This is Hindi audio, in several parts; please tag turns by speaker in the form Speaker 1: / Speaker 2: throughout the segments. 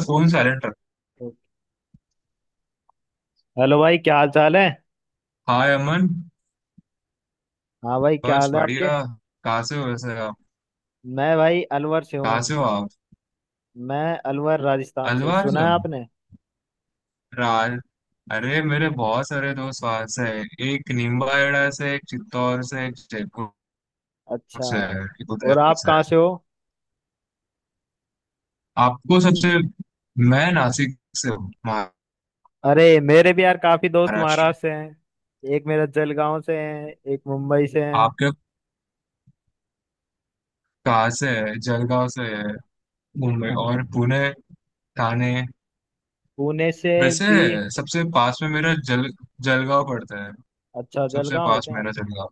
Speaker 1: फोन साइलेंट रख।
Speaker 2: हेलो भाई, क्या हाल चाल है।
Speaker 1: हाय अमन।
Speaker 2: हाँ भाई, क्या
Speaker 1: बस
Speaker 2: हाल है आपके।
Speaker 1: बढ़िया। कहाँ से हो वैसे आप?
Speaker 2: मैं भाई अलवर से हूँ।
Speaker 1: कहाँ से हो आप?
Speaker 2: मैं अलवर राजस्थान से,
Speaker 1: अलवार से
Speaker 2: सुना है
Speaker 1: हो?
Speaker 2: आपने।
Speaker 1: राल। अरे मेरे बहुत सारे दोस्त वहां से हैं। एक नीमबाड़ा से, एक चित्तौड़ से, एक जयपुर
Speaker 2: अच्छा।
Speaker 1: से है, एक
Speaker 2: और
Speaker 1: उदयपुर
Speaker 2: आप
Speaker 1: से
Speaker 2: कहाँ
Speaker 1: है।
Speaker 2: से हो।
Speaker 1: आपको सबसे मैं नासिक से हूँ।
Speaker 2: अरे मेरे भी यार काफी दोस्त
Speaker 1: महाराष्ट्र।
Speaker 2: महाराष्ट्र से हैं, एक मेरा जलगांव से है, एक मुंबई से है।
Speaker 1: आपके कहाँ से है? जलगांव से है? मुंबई
Speaker 2: हाँ।
Speaker 1: और पुणे, ठाणे।
Speaker 2: पुणे से
Speaker 1: वैसे
Speaker 2: भी।
Speaker 1: सबसे पास में मेरा जल जलगांव पड़ता है।
Speaker 2: अच्छा,
Speaker 1: सबसे
Speaker 2: जलगांव है
Speaker 1: पास
Speaker 2: क्या।
Speaker 1: मेरा जलगांव।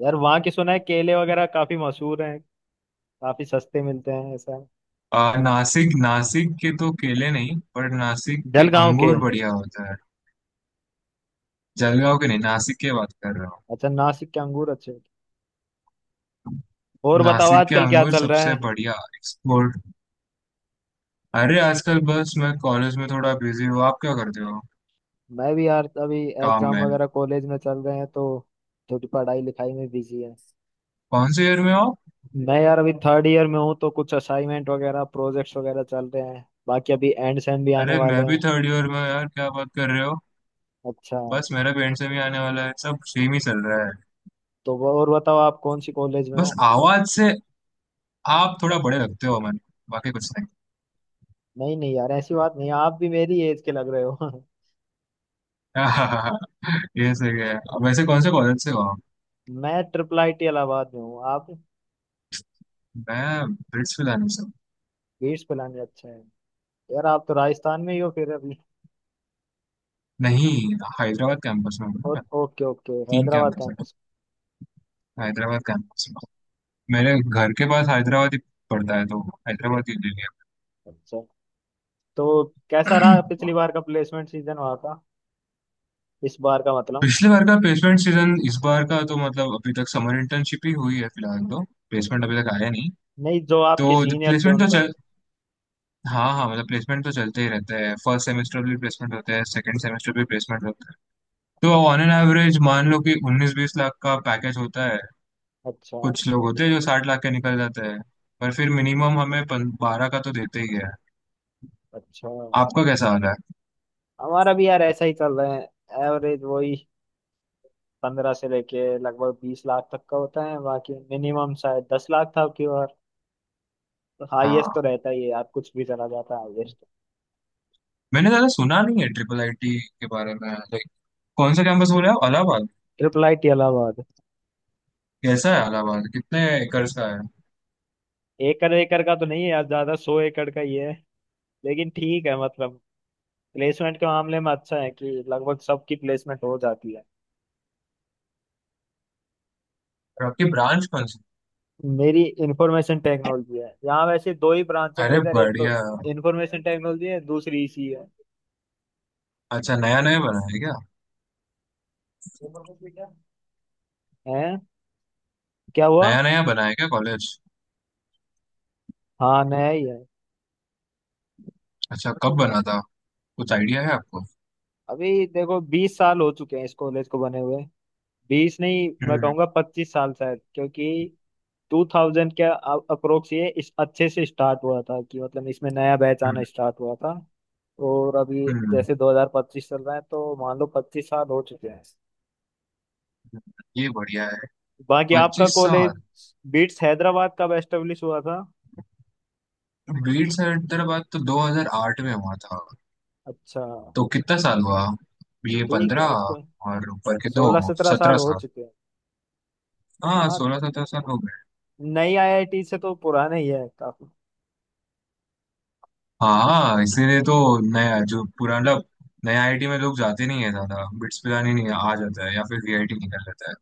Speaker 2: यार वहाँ की सुना है केले वगैरह काफी मशहूर हैं, काफी सस्ते मिलते हैं, ऐसा है।
Speaker 1: नासिक नासिक के तो केले नहीं, पर नासिक के
Speaker 2: जलगांव के।
Speaker 1: अंगूर बढ़िया होता है। जलगांव के नहीं, नासिक के बात कर रहा हूँ।
Speaker 2: अच्छा, नासिक के अंगूर अच्छे होते हैं। और बताओ
Speaker 1: नासिक के
Speaker 2: आजकल क्या
Speaker 1: अंगूर
Speaker 2: चल रहा
Speaker 1: सबसे
Speaker 2: है।
Speaker 1: बढ़िया एक्सपोर्ट। अरे आजकल बस मैं कॉलेज में थोड़ा बिजी हूँ। आप क्या करते हो?
Speaker 2: मैं भी यार अभी
Speaker 1: काम
Speaker 2: एग्जाम
Speaker 1: में?
Speaker 2: वगैरह कॉलेज में चल रहे हैं तो थोड़ी पढ़ाई लिखाई में बिजी है।
Speaker 1: कौन से ईयर में हो?
Speaker 2: मैं यार अभी थर्ड ईयर में हूँ तो कुछ असाइनमेंट वगैरह प्रोजेक्ट्स वगैरह चल रहे हैं, बाकी अभी एंड सेम भी आने
Speaker 1: अरे
Speaker 2: वाले
Speaker 1: मैं भी
Speaker 2: हैं।
Speaker 1: थर्ड ईयर में हूँ यार, क्या बात कर रहे हो।
Speaker 2: अच्छा।
Speaker 1: बस मेरा पेरेंट से भी आने वाला है, सब सेम ही चल रहा है।
Speaker 2: और बताओ आप कौन सी कॉलेज में हो।
Speaker 1: बस आवाज से आप थोड़ा बड़े लगते हो मन, बाकी कुछ नहीं।
Speaker 2: नहीं नहीं यार ऐसी बात नहीं, आप भी मेरी एज के लग रहे हो।
Speaker 1: ये सही है। वैसे कौन से कॉलेज से हो आप?
Speaker 2: मैं ट्रिपल आई टी इलाहाबाद में हूँ, आप।
Speaker 1: मैं ब्रिट्सविल।
Speaker 2: बीट्स पिलानी अच्छा है। यार आप तो राजस्थान में ही हो फिर अभी।
Speaker 1: नहीं, हैदराबाद कैंपस में हूँ ना
Speaker 2: ओ,
Speaker 1: मैं।
Speaker 2: ओके ओके
Speaker 1: तीन
Speaker 2: हैदराबाद
Speaker 1: कैंपस है।
Speaker 2: कैंपस।
Speaker 1: हैदराबाद कैंपस में, मेरे घर के पास हैदराबाद ही पड़ता है, तो हैदराबाद ही ले लिया।
Speaker 2: अच्छा। तो कैसा रहा पिछली बार का प्लेसमेंट सीजन वहाँ, इस बार का मतलब।
Speaker 1: पिछले बार का प्लेसमेंट सीजन, इस बार का तो मतलब अभी तक समर इंटर्नशिप ही हुई है फिलहाल तो। प्लेसमेंट अभी तक आया नहीं
Speaker 2: नहीं, जो
Speaker 1: तो।
Speaker 2: आपके सीनियर्स थे
Speaker 1: प्लेसमेंट तो
Speaker 2: उनका।
Speaker 1: चल, हाँ हाँ, मतलब प्लेसमेंट तो चलते ही रहते हैं। फर्स्ट सेमेस्टर भी प्लेसमेंट होते हैं, सेकंड सेमेस्टर भी प्लेसमेंट होते हैं। तो ऑन एन एवरेज मान लो कि 19-20 लाख का पैकेज होता है।
Speaker 2: अच्छा
Speaker 1: कुछ लोग होते हैं जो 60 लाख के निकल जाते हैं। पर फिर मिनिमम हमें 12 का तो देते ही है।
Speaker 2: अच्छा।
Speaker 1: आपका कैसा हाल है?
Speaker 2: हमारा भी यार ऐसा ही चल रहा है, एवरेज वही 15 से लेके लगभग 20 लाख तक का होता है, बाकी मिनिमम शायद 10 लाख था आपकी बार। तो हाईएस्ट तो
Speaker 1: हाँ
Speaker 2: रहता ही है यार, कुछ भी चला जाता है हाईएस्ट।
Speaker 1: मैंने ज्यादा सुना नहीं है ट्रिपल आईटी के बारे में। लाइक कौन सा कैंपस बोले आप? Allahabad?
Speaker 2: Triple I T Allahabad.
Speaker 1: कैसा है इलाहाबाद? कितने एकर्स का है?
Speaker 2: एकड़ एकड़ का तो नहीं है यार ज्यादा, 100 एकड़ का ही है। लेकिन ठीक है मतलब, प्लेसमेंट के मामले में अच्छा है कि लगभग सबकी प्लेसमेंट हो जाती है।
Speaker 1: और आपकी ब्रांच कौन सी?
Speaker 2: मेरी इंफॉर्मेशन टेक्नोलॉजी है, यहाँ वैसे दो ही ब्रांच है मेरी,
Speaker 1: अरे
Speaker 2: इधर एक तो
Speaker 1: बढ़िया।
Speaker 2: इंफॉर्मेशन टेक्नोलॉजी है, दूसरी इसी है।
Speaker 1: अच्छा नया नया बना है क्या?
Speaker 2: है। क्या हुआ।
Speaker 1: नया नया बना है क्या कॉलेज?
Speaker 2: हाँ नया ही है।
Speaker 1: अच्छा कब बना था? कुछ आइडिया है आपको?
Speaker 2: अभी देखो 20 साल हो चुके हैं इस कॉलेज को बने हुए, बीस नहीं मैं
Speaker 1: हम्म
Speaker 2: कहूँगा 25 साल शायद, क्योंकि 2000 के अप्रोक्स ये इस अच्छे से स्टार्ट हुआ था कि मतलब इसमें नया बैच आना
Speaker 1: हम्म
Speaker 2: स्टार्ट हुआ था। और अभी
Speaker 1: हम्म हम्म,
Speaker 2: जैसे 2025 चल रहा है तो मान लो 25 साल हो चुके हैं।
Speaker 1: ये बढ़िया है।
Speaker 2: बाकी आपका
Speaker 1: पच्चीस
Speaker 2: कॉलेज,
Speaker 1: साल
Speaker 2: बीट्स हैदराबाद कब एस्टेब्लिश हुआ था।
Speaker 1: बीट्स हैदराबाद तो 2008 में हुआ था।
Speaker 2: अच्छा।
Speaker 1: तो कितना साल हुआ? ये
Speaker 2: ठीक है
Speaker 1: 15
Speaker 2: उसको
Speaker 1: और ऊपर के
Speaker 2: सोलह
Speaker 1: दो,
Speaker 2: सत्रह साल
Speaker 1: सत्रह
Speaker 2: हो
Speaker 1: साल
Speaker 2: चुके हैं।
Speaker 1: हाँ
Speaker 2: हाँ।
Speaker 1: 16-17 साल हो गए।
Speaker 2: नई आईआईटी से तो पुराने ही है काफी।
Speaker 1: हाँ इसीलिए तो। नया जो पुराना मतलब, नया आईटी में लोग जाते नहीं है ज्यादा, बिट्स पिलानी नहीं आ जाता है या फिर वीआईटी निकल जाता है।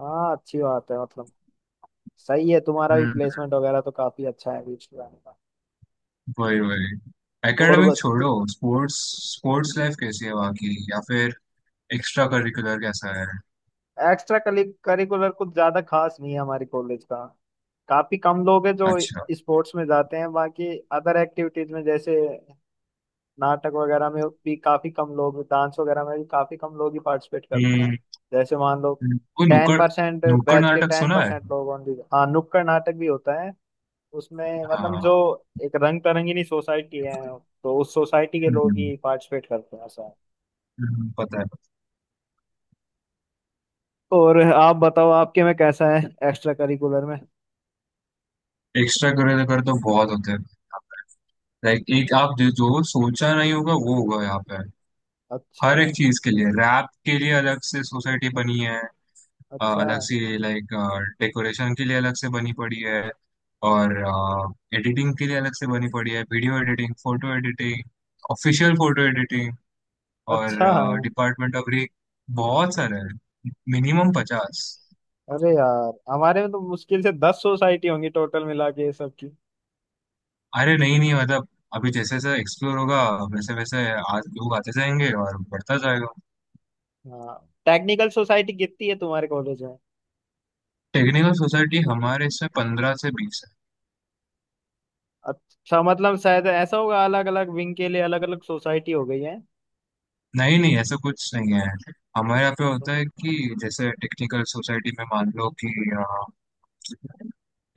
Speaker 2: हाँ अच्छी बात है मतलब, सही है, तुम्हारा भी
Speaker 1: हम्म।
Speaker 2: प्लेसमेंट वगैरह तो काफी अच्छा है बीट्स पुराने का।
Speaker 1: वही वही।
Speaker 2: और
Speaker 1: एकेडमिक
Speaker 2: बस।
Speaker 1: छोड़ो, स्पोर्ट्स, स्पोर्ट्स लाइफ कैसी है वहाँ की? या फिर एक्स्ट्रा करिकुलर कैसा है?
Speaker 2: एक्स्ट्रा करिकुलर कुछ ज्यादा खास नहीं है हमारे कॉलेज का, काफी कम लोग हैं जो
Speaker 1: अच्छा।
Speaker 2: स्पोर्ट्स में जाते हैं, बाकी अदर एक्टिविटीज में जैसे नाटक वगैरह में भी काफी कम लोग, डांस वगैरह में भी काफी कम लोग ही पार्टिसिपेट करते हैं,
Speaker 1: हम्म
Speaker 2: जैसे मान लो
Speaker 1: वो
Speaker 2: टेन
Speaker 1: नुक्कड़,
Speaker 2: परसेंट
Speaker 1: नुक्कड़
Speaker 2: बैच के
Speaker 1: नाटक
Speaker 2: टेन
Speaker 1: सुना है।
Speaker 2: परसेंट लोग ओनली। हाँ नुक्कड़ नाटक भी होता है, उसमें मतलब जो
Speaker 1: हाँ।
Speaker 2: एक रंग तरंगिणी सोसाइटी है तो उस सोसाइटी के लोग
Speaker 1: हम्म,
Speaker 2: ही पार्टिसिपेट करते हैं, ऐसा है।
Speaker 1: पता है।
Speaker 2: और आप बताओ आपके में कैसा है एक्स्ट्रा करिकुलर में।
Speaker 1: एक्स्ट्रा करिकुलर तो बहुत होते हैं। लाइक एक आप जो जो सोचा नहीं होगा वो होगा यहाँ पे।
Speaker 2: अच्छा
Speaker 1: हर एक चीज के लिए, रैप के लिए अलग से सोसाइटी बनी है।
Speaker 2: अच्छा
Speaker 1: अलग से, लाइक डेकोरेशन के लिए अलग से बनी पड़ी है, और एडिटिंग के लिए अलग से बनी पड़ी है, video editing, photo editing, official photo editing, और
Speaker 2: अच्छा।
Speaker 1: Department of rec. बहुत सारे हैं, मिनिमम 50।
Speaker 2: अरे यार हमारे में तो मुश्किल से 10 सोसाइटी होंगी टोटल मिला के सबकी।
Speaker 1: अरे नहीं नहीं, मतलब अभी जैसे जैसे एक्सप्लोर होगा, वैसे वैसे आज लोग आते जाएंगे और बढ़ता जाएगा।
Speaker 2: हाँ। टेक्निकल सोसाइटी कितनी है तुम्हारे कॉलेज में।
Speaker 1: टेक्निकल सोसाइटी हमारे इसमें 15 से 20 है।
Speaker 2: अच्छा मतलब शायद ऐसा होगा अलग अलग विंग के लिए अलग अलग सोसाइटी हो गई है।
Speaker 1: नहीं नहीं ऐसा कुछ नहीं है। हमारे यहाँ पे होता है कि जैसे टेक्निकल सोसाइटी में मान लो कि अ,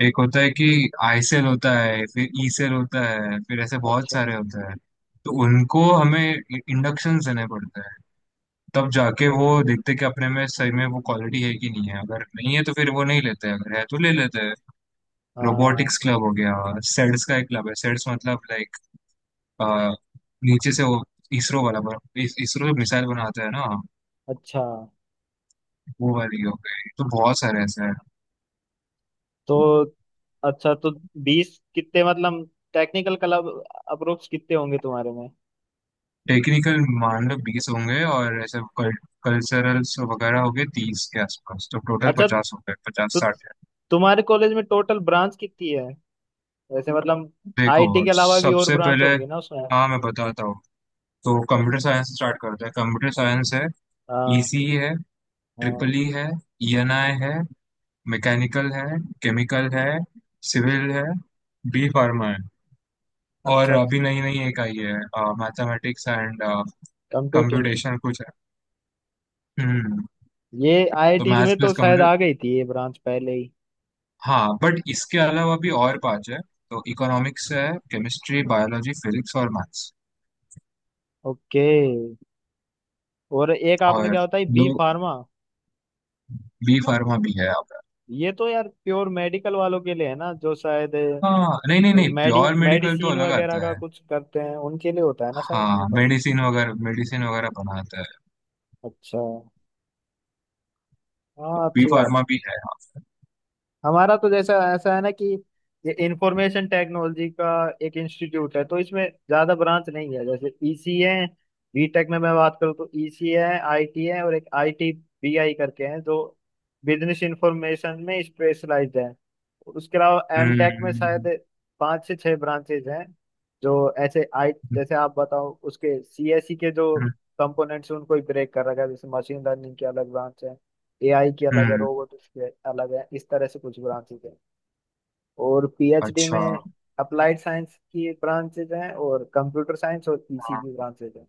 Speaker 1: एक होता है कि आई सेल होता है, फिर ई सेल होता है, फिर ऐसे बहुत
Speaker 2: अच्छा अच्छा
Speaker 1: सारे होते हैं। तो उनको हमें इंडक्शन देने पड़ते हैं, तब जाके वो
Speaker 2: अच्छा।
Speaker 1: देखते हैं कि अपने में सही में वो क्वालिटी है कि नहीं है। अगर नहीं है तो फिर वो नहीं लेते हैं, अगर है तो ले लेते हैं। रोबोटिक्स
Speaker 2: हाँ।
Speaker 1: क्लब हो गया, सेड्स का एक क्लब है। सेड्स मतलब लाइक, आ, नीचे से वो इसरो वाला बन, इस, इसरो जो मिसाइल बनाता है ना,
Speaker 2: अच्छा
Speaker 1: वो वाली हो गई। तो बहुत सारे ऐसे हैं।
Speaker 2: तो, अच्छा तो बीस कितने मतलब टेक्निकल क्लब अप्रोक्स कितने होंगे तुम्हारे में।
Speaker 1: टेक्निकल मान लो 20 होंगे, और ऐसे कल्चरल्स वगैरह हो गए 30 के आसपास, तो टोटल
Speaker 2: अच्छा।
Speaker 1: 50 हो गए, पचास
Speaker 2: तो
Speaker 1: साठ है।
Speaker 2: तुम्हारे कॉलेज में टोटल ब्रांच कितनी है वैसे मतलब,
Speaker 1: देखो,
Speaker 2: आईटी के अलावा भी और
Speaker 1: सबसे
Speaker 2: ब्रांच
Speaker 1: पहले,
Speaker 2: होंगी ना उसमें।
Speaker 1: हाँ मैं बताता हूँ। तो कंप्यूटर साइंस से स्टार्ट करते हैं। कंप्यूटर साइंस है,
Speaker 2: हाँ।
Speaker 1: ईसी है,
Speaker 2: हाँ।
Speaker 1: ट्रिपल ई है, ईएनआई है, मैकेनिकल है, केमिकल है, सिविल है, बी फार्मा है, और
Speaker 2: अच्छा अच्छा।
Speaker 1: अभी नई नई एक आई है, मैथमेटिक्स एंड
Speaker 2: कंप्यूटिंग।
Speaker 1: कंप्यूटेशन कुछ है। हम्म।
Speaker 2: ये
Speaker 1: तो
Speaker 2: आईआईटीज
Speaker 1: मैथ्स
Speaker 2: में तो
Speaker 1: प्लस
Speaker 2: शायद
Speaker 1: कंप्यूटर।
Speaker 2: आ गई थी ये ब्रांच पहले ही।
Speaker 1: हाँ बट इसके अलावा भी और पांच है। तो इकोनॉमिक्स है, केमिस्ट्री, बायोलॉजी, फिजिक्स और मैथ्स
Speaker 2: ओके। और एक आपने
Speaker 1: और,
Speaker 2: क्या बताई बी
Speaker 1: लो,
Speaker 2: फार्मा।
Speaker 1: बी फार्मा भी है आपका?
Speaker 2: ये तो यार प्योर मेडिकल वालों के लिए है ना जो शायद,
Speaker 1: हाँ, नहीं नहीं
Speaker 2: जो
Speaker 1: नहीं
Speaker 2: मेडि
Speaker 1: प्योर मेडिकल तो
Speaker 2: मेडिसिन
Speaker 1: अलग
Speaker 2: वगैरह
Speaker 1: आता
Speaker 2: का
Speaker 1: है।
Speaker 2: कुछ करते हैं उनके लिए होता है ना शायद बी
Speaker 1: हाँ,
Speaker 2: फार्मा।
Speaker 1: मेडिसिन वगैरह बनाता है।
Speaker 2: अच्छा।
Speaker 1: तो
Speaker 2: हाँ
Speaker 1: बी
Speaker 2: अच्छी बात।
Speaker 1: फार्मा भी है हाँ।
Speaker 2: हमारा तो जैसा ऐसा है ना कि ये इंफॉर्मेशन टेक्नोलॉजी का एक इंस्टीट्यूट है, तो इसमें ज्यादा ब्रांच नहीं है, जैसे ईसी है, बीटेक में मैं बात करूँ तो ईसी है, आईटी है, और एक आईटी बीआई करके हैं जो बिजनेस इंफॉर्मेशन में स्पेशलाइज्ड है। उसके अलावा एमटेक में शायद
Speaker 1: हम्म
Speaker 2: पांच से छह ब्रांचेज हैं, जो ऐसे आई जैसे आप बताओ उसके सीएसई के जो
Speaker 1: हम्म
Speaker 2: कंपोनेंट्स हैं उनको ही ब्रेक कर रखा है, जैसे मशीन लर्निंग की अलग ब्रांच है, एआई की अलग है,
Speaker 1: हम्म,
Speaker 2: रोबोटिक्स की अलग है, इस तरह से कुछ ब्रांचेज हैं। और पीएचडी
Speaker 1: अच्छा।
Speaker 2: में अप्लाइड साइंस की ब्रांचेज हैं और कंप्यूटर साइंस और पीसी
Speaker 1: हाँ
Speaker 2: की ब्रांचेज हैं,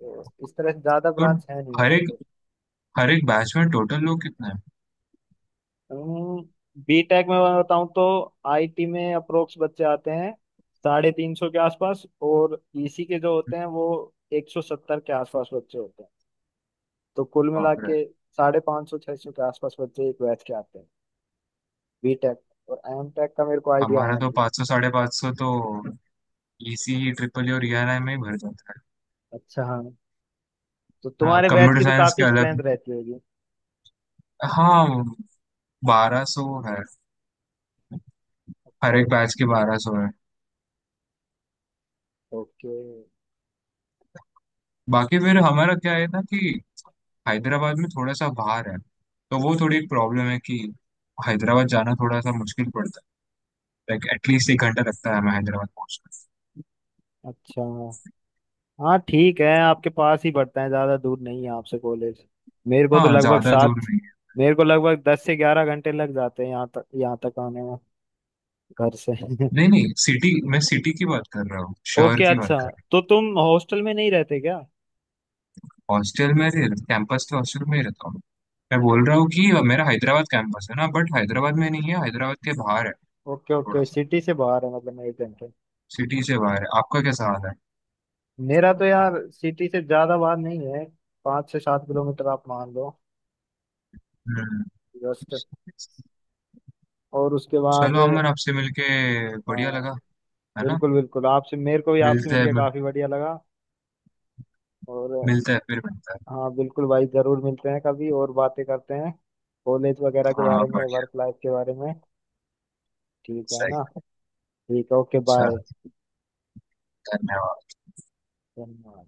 Speaker 2: तो इस तरह से ज्यादा
Speaker 1: तो
Speaker 2: ब्रांच है नहीं
Speaker 1: हर
Speaker 2: हमारे
Speaker 1: एक हर एक बैच में टोटल लोग कितने हैं?
Speaker 2: को। बीटेक में मैं बताऊं तो आईटी में अप्रोक्स बच्चे आते हैं 350 के आसपास, और ईसी के जो होते हैं वो 170 के आसपास बच्चे होते हैं, तो कुल मिला
Speaker 1: बाप रे।
Speaker 2: के 550-600 के आसपास बच्चे एक बैच के आते हैं बीटेक, और एमटेक का मेरे को आइडिया
Speaker 1: हमारा
Speaker 2: है
Speaker 1: तो
Speaker 2: नहीं।
Speaker 1: 500 साढ़े 500 तो इसी, ट्रिपल ई और ERI में ही भर जाता है।
Speaker 2: अच्छा। हाँ। तो
Speaker 1: हाँ
Speaker 2: तुम्हारे बैच
Speaker 1: कंप्यूटर
Speaker 2: की तो
Speaker 1: साइंस
Speaker 2: काफी
Speaker 1: के
Speaker 2: स्ट्रेंथ
Speaker 1: अलग,
Speaker 2: रहती होगी।
Speaker 1: हाँ 1200 है। हर
Speaker 2: अच्छा।
Speaker 1: एक बैच के 1200 है।
Speaker 2: ओके।
Speaker 1: बाकी फिर हमारा क्या है ना कि हैदराबाद में थोड़ा सा बाहर है, तो वो थोड़ी एक प्रॉब्लम है कि हैदराबाद जाना थोड़ा सा मुश्किल पड़ता है। लाइक एटलीस्ट एक घंटा लगता है हमें हैदराबाद पहुंचना।
Speaker 2: अच्छा। हाँ ठीक है, आपके पास ही पड़ता है, ज्यादा दूर नहीं है आपसे कॉलेज। मेरे को तो
Speaker 1: हाँ
Speaker 2: लगभग
Speaker 1: ज्यादा दूर
Speaker 2: सात,
Speaker 1: नहीं है।
Speaker 2: मेरे को लगभग 10 से 11 घंटे लग जाते हैं यहाँ तक, आने में घर से।
Speaker 1: नहीं नहीं, सिटी, मैं सिटी की बात कर रहा हूँ, शहर
Speaker 2: ओके
Speaker 1: की बात
Speaker 2: अच्छा।
Speaker 1: कर रहा
Speaker 2: तो तुम हॉस्टल में नहीं रहते क्या।
Speaker 1: हूँ। हॉस्टल में रह, कैंपस के हॉस्टल में ही रहता हूँ। मैं बोल रहा
Speaker 2: अच्छा,
Speaker 1: हूँ कि मेरा हैदराबाद कैंपस है ना, बट हैदराबाद में नहीं है, हैदराबाद के बाहर है
Speaker 2: ओके
Speaker 1: थोड़ा
Speaker 2: ओके
Speaker 1: सा।
Speaker 2: सिटी से बाहर है मतलब एक घंटे।
Speaker 1: सिटी से बाहर है। आपका कैसा हाल है?
Speaker 2: मेरा तो यार सिटी से ज्यादा बाहर नहीं है, 5 से 7 किलोमीटर आप मान लो
Speaker 1: हम्म।
Speaker 2: जस्ट। और उसके बाद
Speaker 1: चलो अमर, आपसे मिलके बढ़िया लगा, है ना।
Speaker 2: बिल्कुल बिल्कुल, आपसे मेरे को भी आपसे
Speaker 1: मिलते हैं,
Speaker 2: मिलके काफी बढ़िया लगा। और
Speaker 1: मिलते हैं, फिर मिलते हैं।
Speaker 2: हाँ बिल्कुल भाई जरूर मिलते हैं, कभी और बातें करते हैं कॉलेज वगैरह के
Speaker 1: हाँ
Speaker 2: बारे में,
Speaker 1: बढ़िया।
Speaker 2: वर्क लाइफ के बारे में। ठीक है
Speaker 1: सही।
Speaker 2: ना। ठीक है ओके
Speaker 1: अच्छा।
Speaker 2: बाय।
Speaker 1: धन्यवाद।
Speaker 2: धन्यवाद।